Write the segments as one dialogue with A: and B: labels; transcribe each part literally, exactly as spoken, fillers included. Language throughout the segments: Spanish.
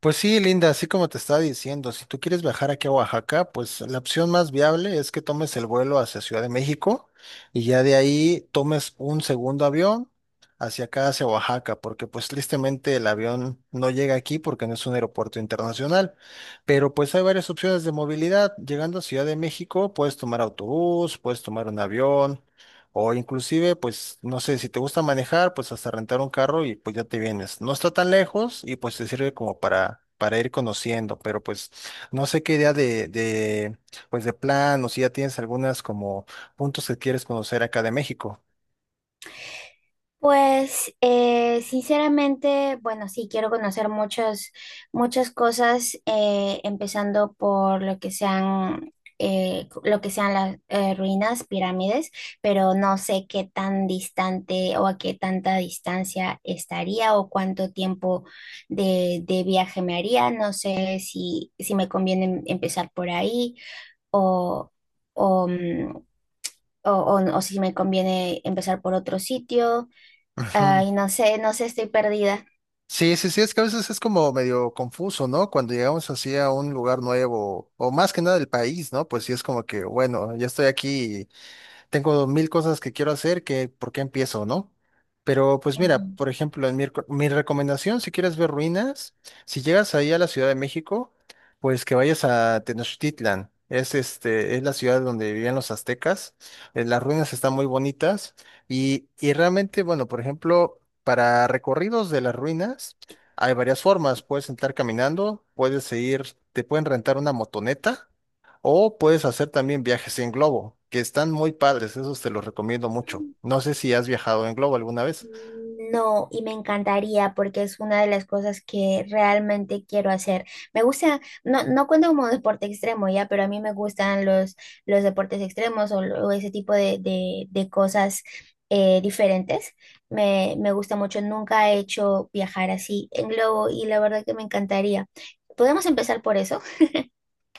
A: Pues sí, Linda, así como te estaba diciendo, si tú quieres viajar aquí a Oaxaca, pues la opción más viable es que tomes el vuelo hacia Ciudad de México y ya de ahí tomes un segundo avión hacia acá, hacia Oaxaca, porque pues tristemente el avión no llega aquí porque no es un aeropuerto internacional. Pero pues hay varias opciones de movilidad. Llegando a Ciudad de México, puedes tomar autobús, puedes tomar un avión, o inclusive, pues, no sé, si te gusta manejar, pues hasta rentar un carro y pues ya te vienes. No está tan lejos y pues te sirve como para, para ir conociendo, pero pues no sé qué idea de, de, pues de plan o si ya tienes algunas como puntos que quieres conocer acá de México.
B: Pues eh, sinceramente, bueno, sí, quiero conocer muchas, muchas cosas, eh, empezando por lo que sean, eh, lo que sean las eh, ruinas, pirámides, pero no sé qué tan distante o a qué tanta distancia estaría o cuánto tiempo de, de viaje me haría. No sé si, si me conviene em- empezar por ahí o, o, mm, o o- o si me conviene empezar por otro sitio.
A: Ujú.
B: Ay, no sé, no sé, estoy perdida.
A: Sí, sí, sí, es que a veces es como medio confuso, ¿no? Cuando llegamos así a un lugar nuevo, o más que nada del país, ¿no? Pues sí es como que, bueno, ya estoy aquí, tengo mil cosas que quiero hacer, que por qué empiezo, ¿no? Pero pues mira,
B: Ujú.
A: por ejemplo, en mi, reco- mi recomendación, si quieres ver ruinas, si llegas ahí a la Ciudad de México, pues que vayas a Tenochtitlan. Es, este, es la ciudad donde vivían los aztecas. Eh, Las ruinas están muy bonitas y, y realmente, bueno, por ejemplo, para recorridos de las ruinas hay varias formas. Puedes entrar caminando, puedes ir, te pueden rentar una motoneta o puedes hacer también viajes en globo, que están muy padres, esos te los recomiendo mucho. No sé si has viajado en globo alguna vez.
B: No, y me encantaría porque es una de las cosas que realmente quiero hacer. Me gusta, no, no cuenta como deporte extremo ya, pero a mí me gustan los, los deportes extremos o, lo- o ese tipo de, de- de cosas eh, diferentes. Me, me gusta mucho, nunca he hecho viajar así en globo y la verdad que me encantaría. ¿Podemos empezar por eso?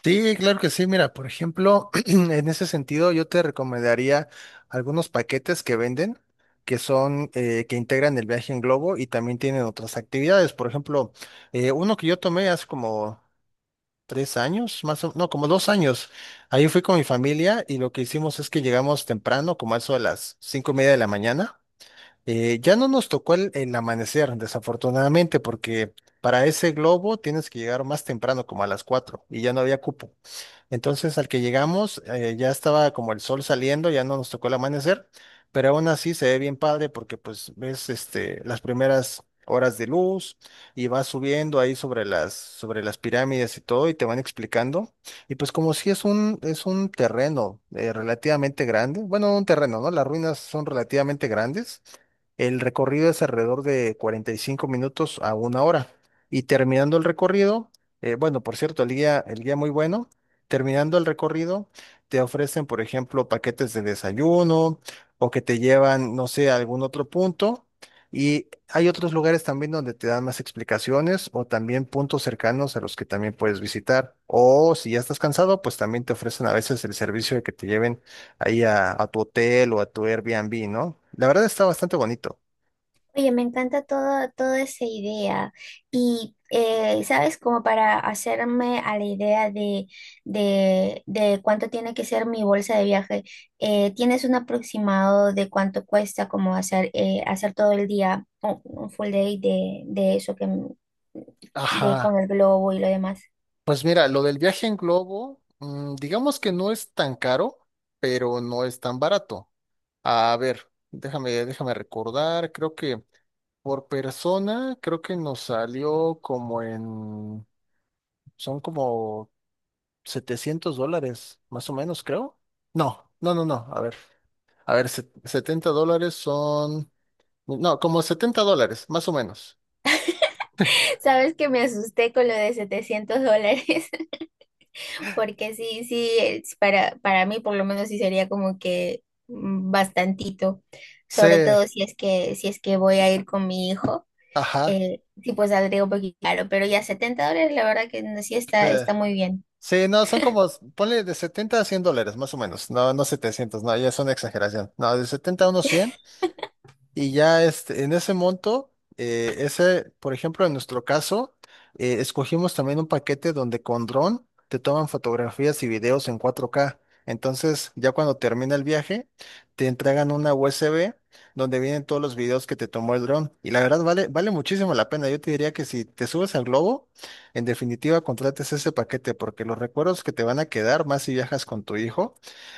A: Sí, claro que sí. Mira, por ejemplo, en ese sentido yo te recomendaría algunos paquetes que venden, que son, eh, que integran el viaje en globo y también tienen otras actividades. Por ejemplo, eh, uno que yo tomé hace como tres años, más o no, como dos años. Ahí fui con mi familia y lo que hicimos es que llegamos temprano, como a eso de las cinco y media de la mañana. Eh, ya no nos tocó el, el amanecer, desafortunadamente, porque para ese globo tienes que llegar más temprano, como a las cuatro, y ya no había cupo. Entonces, al que llegamos, eh, ya estaba como el sol saliendo, ya no nos tocó el amanecer, pero aún así se ve bien padre porque pues ves este, las primeras horas de luz y vas subiendo ahí sobre las, sobre las pirámides y todo y te van explicando. Y pues como si es un, es un terreno eh, relativamente grande, bueno, no un terreno, ¿no? Las ruinas son relativamente grandes. El recorrido es alrededor de cuarenta y cinco minutos a una hora. Y terminando el recorrido, eh, bueno, por cierto, el guía, el guía muy bueno. Terminando el recorrido, te ofrecen, por ejemplo, paquetes de desayuno o que te llevan, no sé, a algún otro punto. Y hay otros lugares también donde te dan más explicaciones o también puntos cercanos a los que también puedes visitar. O si ya estás cansado, pues también te ofrecen a veces el servicio de que te lleven ahí a, a tu hotel o a tu Airbnb, ¿no? La verdad está bastante bonito.
B: Oye, me encanta todo, toda esa idea. Y, eh, ¿sabes? Como para hacerme a la idea de, de, de cuánto tiene que ser mi bolsa de viaje, eh, ¿tienes un aproximado de cuánto cuesta como hacer, eh, hacer todo el día un, un full day de, de eso que, m- de, con
A: Ajá,
B: el globo y lo demás?
A: pues mira, lo del viaje en globo, mm, digamos que no es tan caro, pero no es tan barato. A ver, déjame, déjame recordar, creo que por persona, creo que nos salió como en, son como setecientos dólares, más o menos, creo. No, no, no, no, a ver, a ver, se- setenta dólares son, no, como setenta dólares, más o menos.
B: ¿Sabes que me asusté con lo de setecientos dólares? Porque sí, sí, es para, para mí por lo menos sí sería como que mm, bastantito,
A: Sí,
B: sobre todo si es que, si es que voy a ir con mi hijo,
A: ajá.
B: eh, sí pues saldría un poquito caro, pero ya setenta dólares la verdad que no, sí
A: Sí,
B: está, está muy bien.
A: Sí, no, son como, ponle de setenta a cien dólares, más o menos. No, no setecientos, no, ya es una exageración. No, de setenta a unos cien. Y ya este, en ese monto, eh, ese, por ejemplo, en nuestro caso, eh, escogimos también un paquete donde con dron te toman fotografías y videos en cuatro K. Entonces, ya cuando termina el viaje, te entregan una U S B donde vienen todos los videos que te tomó el dron. Y la verdad vale, vale muchísimo la pena. Yo te diría que si te subes al globo, en definitiva contrates ese paquete porque los recuerdos que te van a quedar, más si viajas con tu hijo,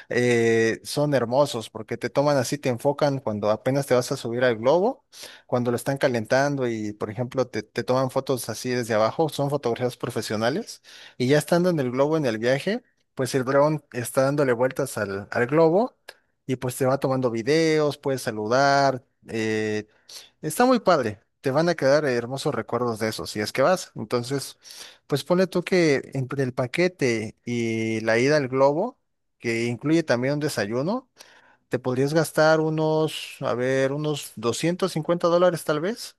A: eh, son hermosos porque te toman así, te enfocan cuando apenas te vas a subir al globo, cuando lo están calentando y, por ejemplo, te, te toman fotos así desde abajo, son fotografías profesionales y ya estando en el globo en el viaje, pues el dron está dándole vueltas al, al globo y pues te va tomando videos, puedes saludar. eh, Está muy padre. Te van a quedar hermosos recuerdos de eso, si es que vas. Entonces, pues ponle tú que entre el paquete y la ida al globo, que incluye también un desayuno, te podrías gastar unos, a ver, unos doscientos cincuenta dólares tal vez.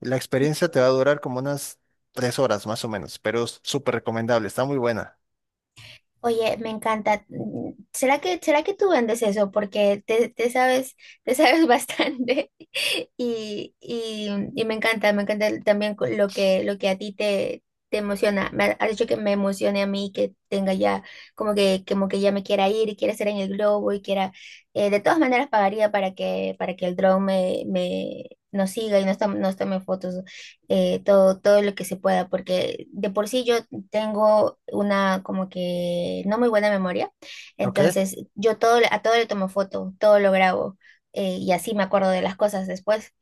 A: La experiencia te va a durar como unas tres horas más o menos, pero es súper recomendable, está muy buena.
B: Oye, me encanta. Mm, ¿será que, será que tú vendes eso? Porque te, te sabes, te sabes bastante y, y- y me encanta, me encanta el- también co- lo que, lo que a ti te, te emociona. Me ha- has dicho que me emocione a mí, que tenga ya, como que, como que ya me quiera ir y quiera estar en el globo y quiera, eh, de todas maneras pagaría para que, para que el dron me, me, nos siga y nos tome, nos tome fotos, eh, todo, todo lo que se pueda, porque de por sí tengo una como que no muy buena memoria,
A: Ok.
B: entonces yo todo, le- a todo le tomo foto, todo lo grabo, eh, y así me acuerdo de las cosas después.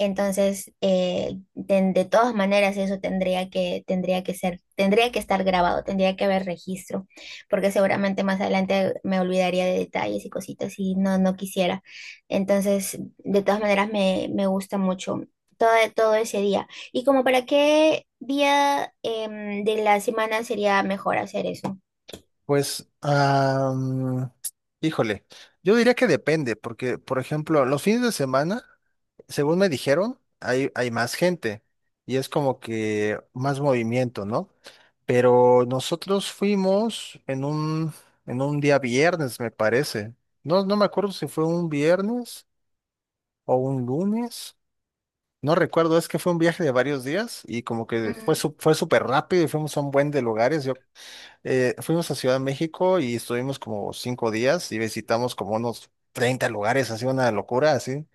B: Entonces, eh, de, de todas maneras eso tendría que, tendría que ser, tendría que estar grabado, tendría que haber registro, porque seguramente más adelante me olvidaría de detalles y cositas y no, no quisiera. Entonces, de todas maneras me, me gusta mucho todo, todo ese día. ¿Y como para qué día em, de la semana sería mejor hacer eso?
A: Pues, am, híjole, yo diría que depende, porque, por ejemplo, los fines de semana, según me dijeron, hay, hay más gente y es como que más movimiento, ¿no? Pero nosotros fuimos en un, en un día viernes, me parece. No, no me acuerdo si fue un viernes o un lunes. No recuerdo, es que fue un viaje de varios días y como que fue,
B: Mm.
A: su- fue súper rápido y fuimos a un buen de lugares. Yo eh, fuimos a Ciudad de México y estuvimos como cinco días y visitamos como unos treinta lugares, así una locura, así.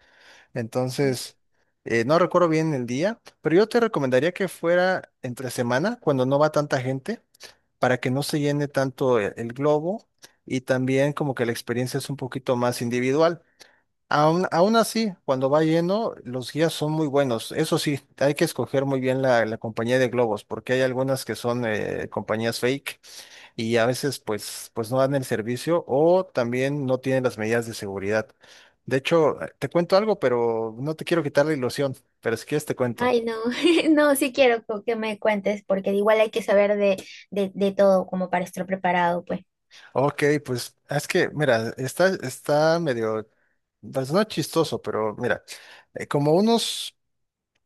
A: Entonces, eh, no recuerdo bien el día, pero yo te recomendaría que fuera entre semana, cuando no va tanta gente, para que no se llene tanto el, el globo y también como que la experiencia es un poquito más individual. Aún, aún así, cuando va lleno, los guías son muy buenos. Eso sí, hay que escoger muy bien la, la compañía de globos, porque hay algunas que son eh, compañías fake y a veces pues, pues no dan el servicio o también no tienen las medidas de seguridad. De hecho, eh, te cuento algo, pero no te quiero quitar la ilusión, pero si quieres te cuento.
B: Ay, no, no, sí quiero co- que me cuentes, porque igual hay que saber de, de, de todo como para estar preparado, pues.
A: Ok, pues ah, es que, mira, está, está medio, pues no chistoso, pero mira, eh, como unos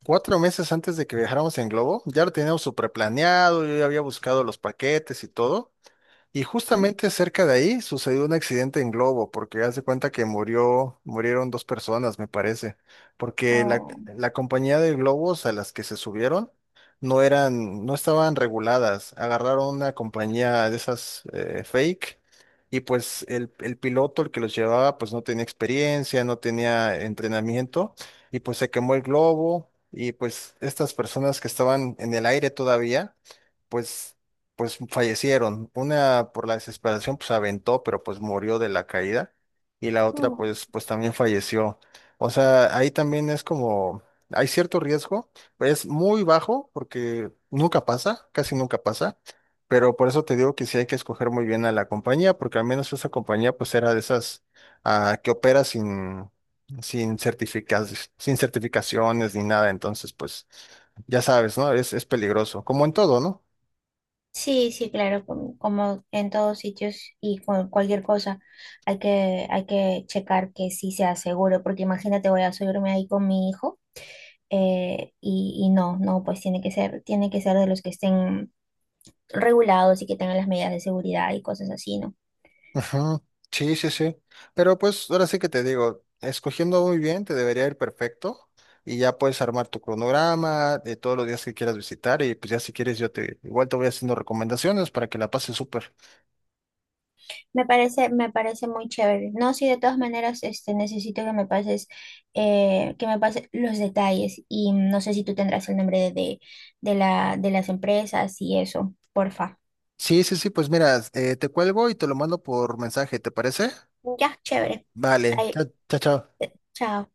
A: cuatro meses antes de que viajáramos en globo, ya lo teníamos súper planeado, yo ya había buscado los paquetes y todo. Y
B: ¿Mm?
A: justamente cerca de ahí sucedió un accidente en globo, porque haz de cuenta que murió, murieron dos personas, me parece, porque la,
B: Oh,
A: la compañía de globos a las que se subieron no eran, no estaban reguladas, agarraron una compañía de esas eh, fake y pues el, el piloto, el que los llevaba, pues no tenía experiencia, no tenía entrenamiento y pues se quemó el globo y pues estas personas que estaban en el aire todavía pues pues fallecieron. Una por la desesperación, pues aventó, pero pues murió de la caída. Y la otra,
B: oh.
A: pues, pues también falleció. O sea, ahí también es como, hay cierto riesgo, pero es muy bajo porque nunca pasa, casi nunca pasa. Pero por eso te digo que sí hay que escoger muy bien a la compañía, porque al menos esa compañía pues era de esas ah, que opera sin, sin certificas, sin certificaciones ni nada. Entonces, pues ya sabes, ¿no? Es, es peligroso, como en todo, ¿no?
B: Sí, sí, claro, como, como en todos sitios y con cualquier cosa hay que, hay que checar que sí sea seguro, porque imagínate, voy a subirme ahí con mi hijo, eh, y, y no, no, pues tiene que ser, tiene que ser de los que estén regulados y que tengan las medidas de seguridad y cosas así, ¿no?
A: Ujú, sí, sí, sí. Pero pues ahora sí que te digo, escogiendo muy bien te debería ir perfecto y ya puedes armar tu cronograma de todos los días que quieras visitar y pues ya si quieres yo te igual te voy haciendo recomendaciones para que la pases súper.
B: Me parece, me parece muy chévere. No, sí, de todas maneras, este, necesito que me pases, eh, que me pases los detalles y no sé si tú tendrás el nombre de, de, de la, de las empresas y eso, porfa.
A: Sí, sí, sí, pues mira, eh, te cuelgo y te lo mando por mensaje, ¿te parece?
B: Ya, chévere.
A: Vale,
B: Ahí,
A: chao, chao, chao.
B: chao.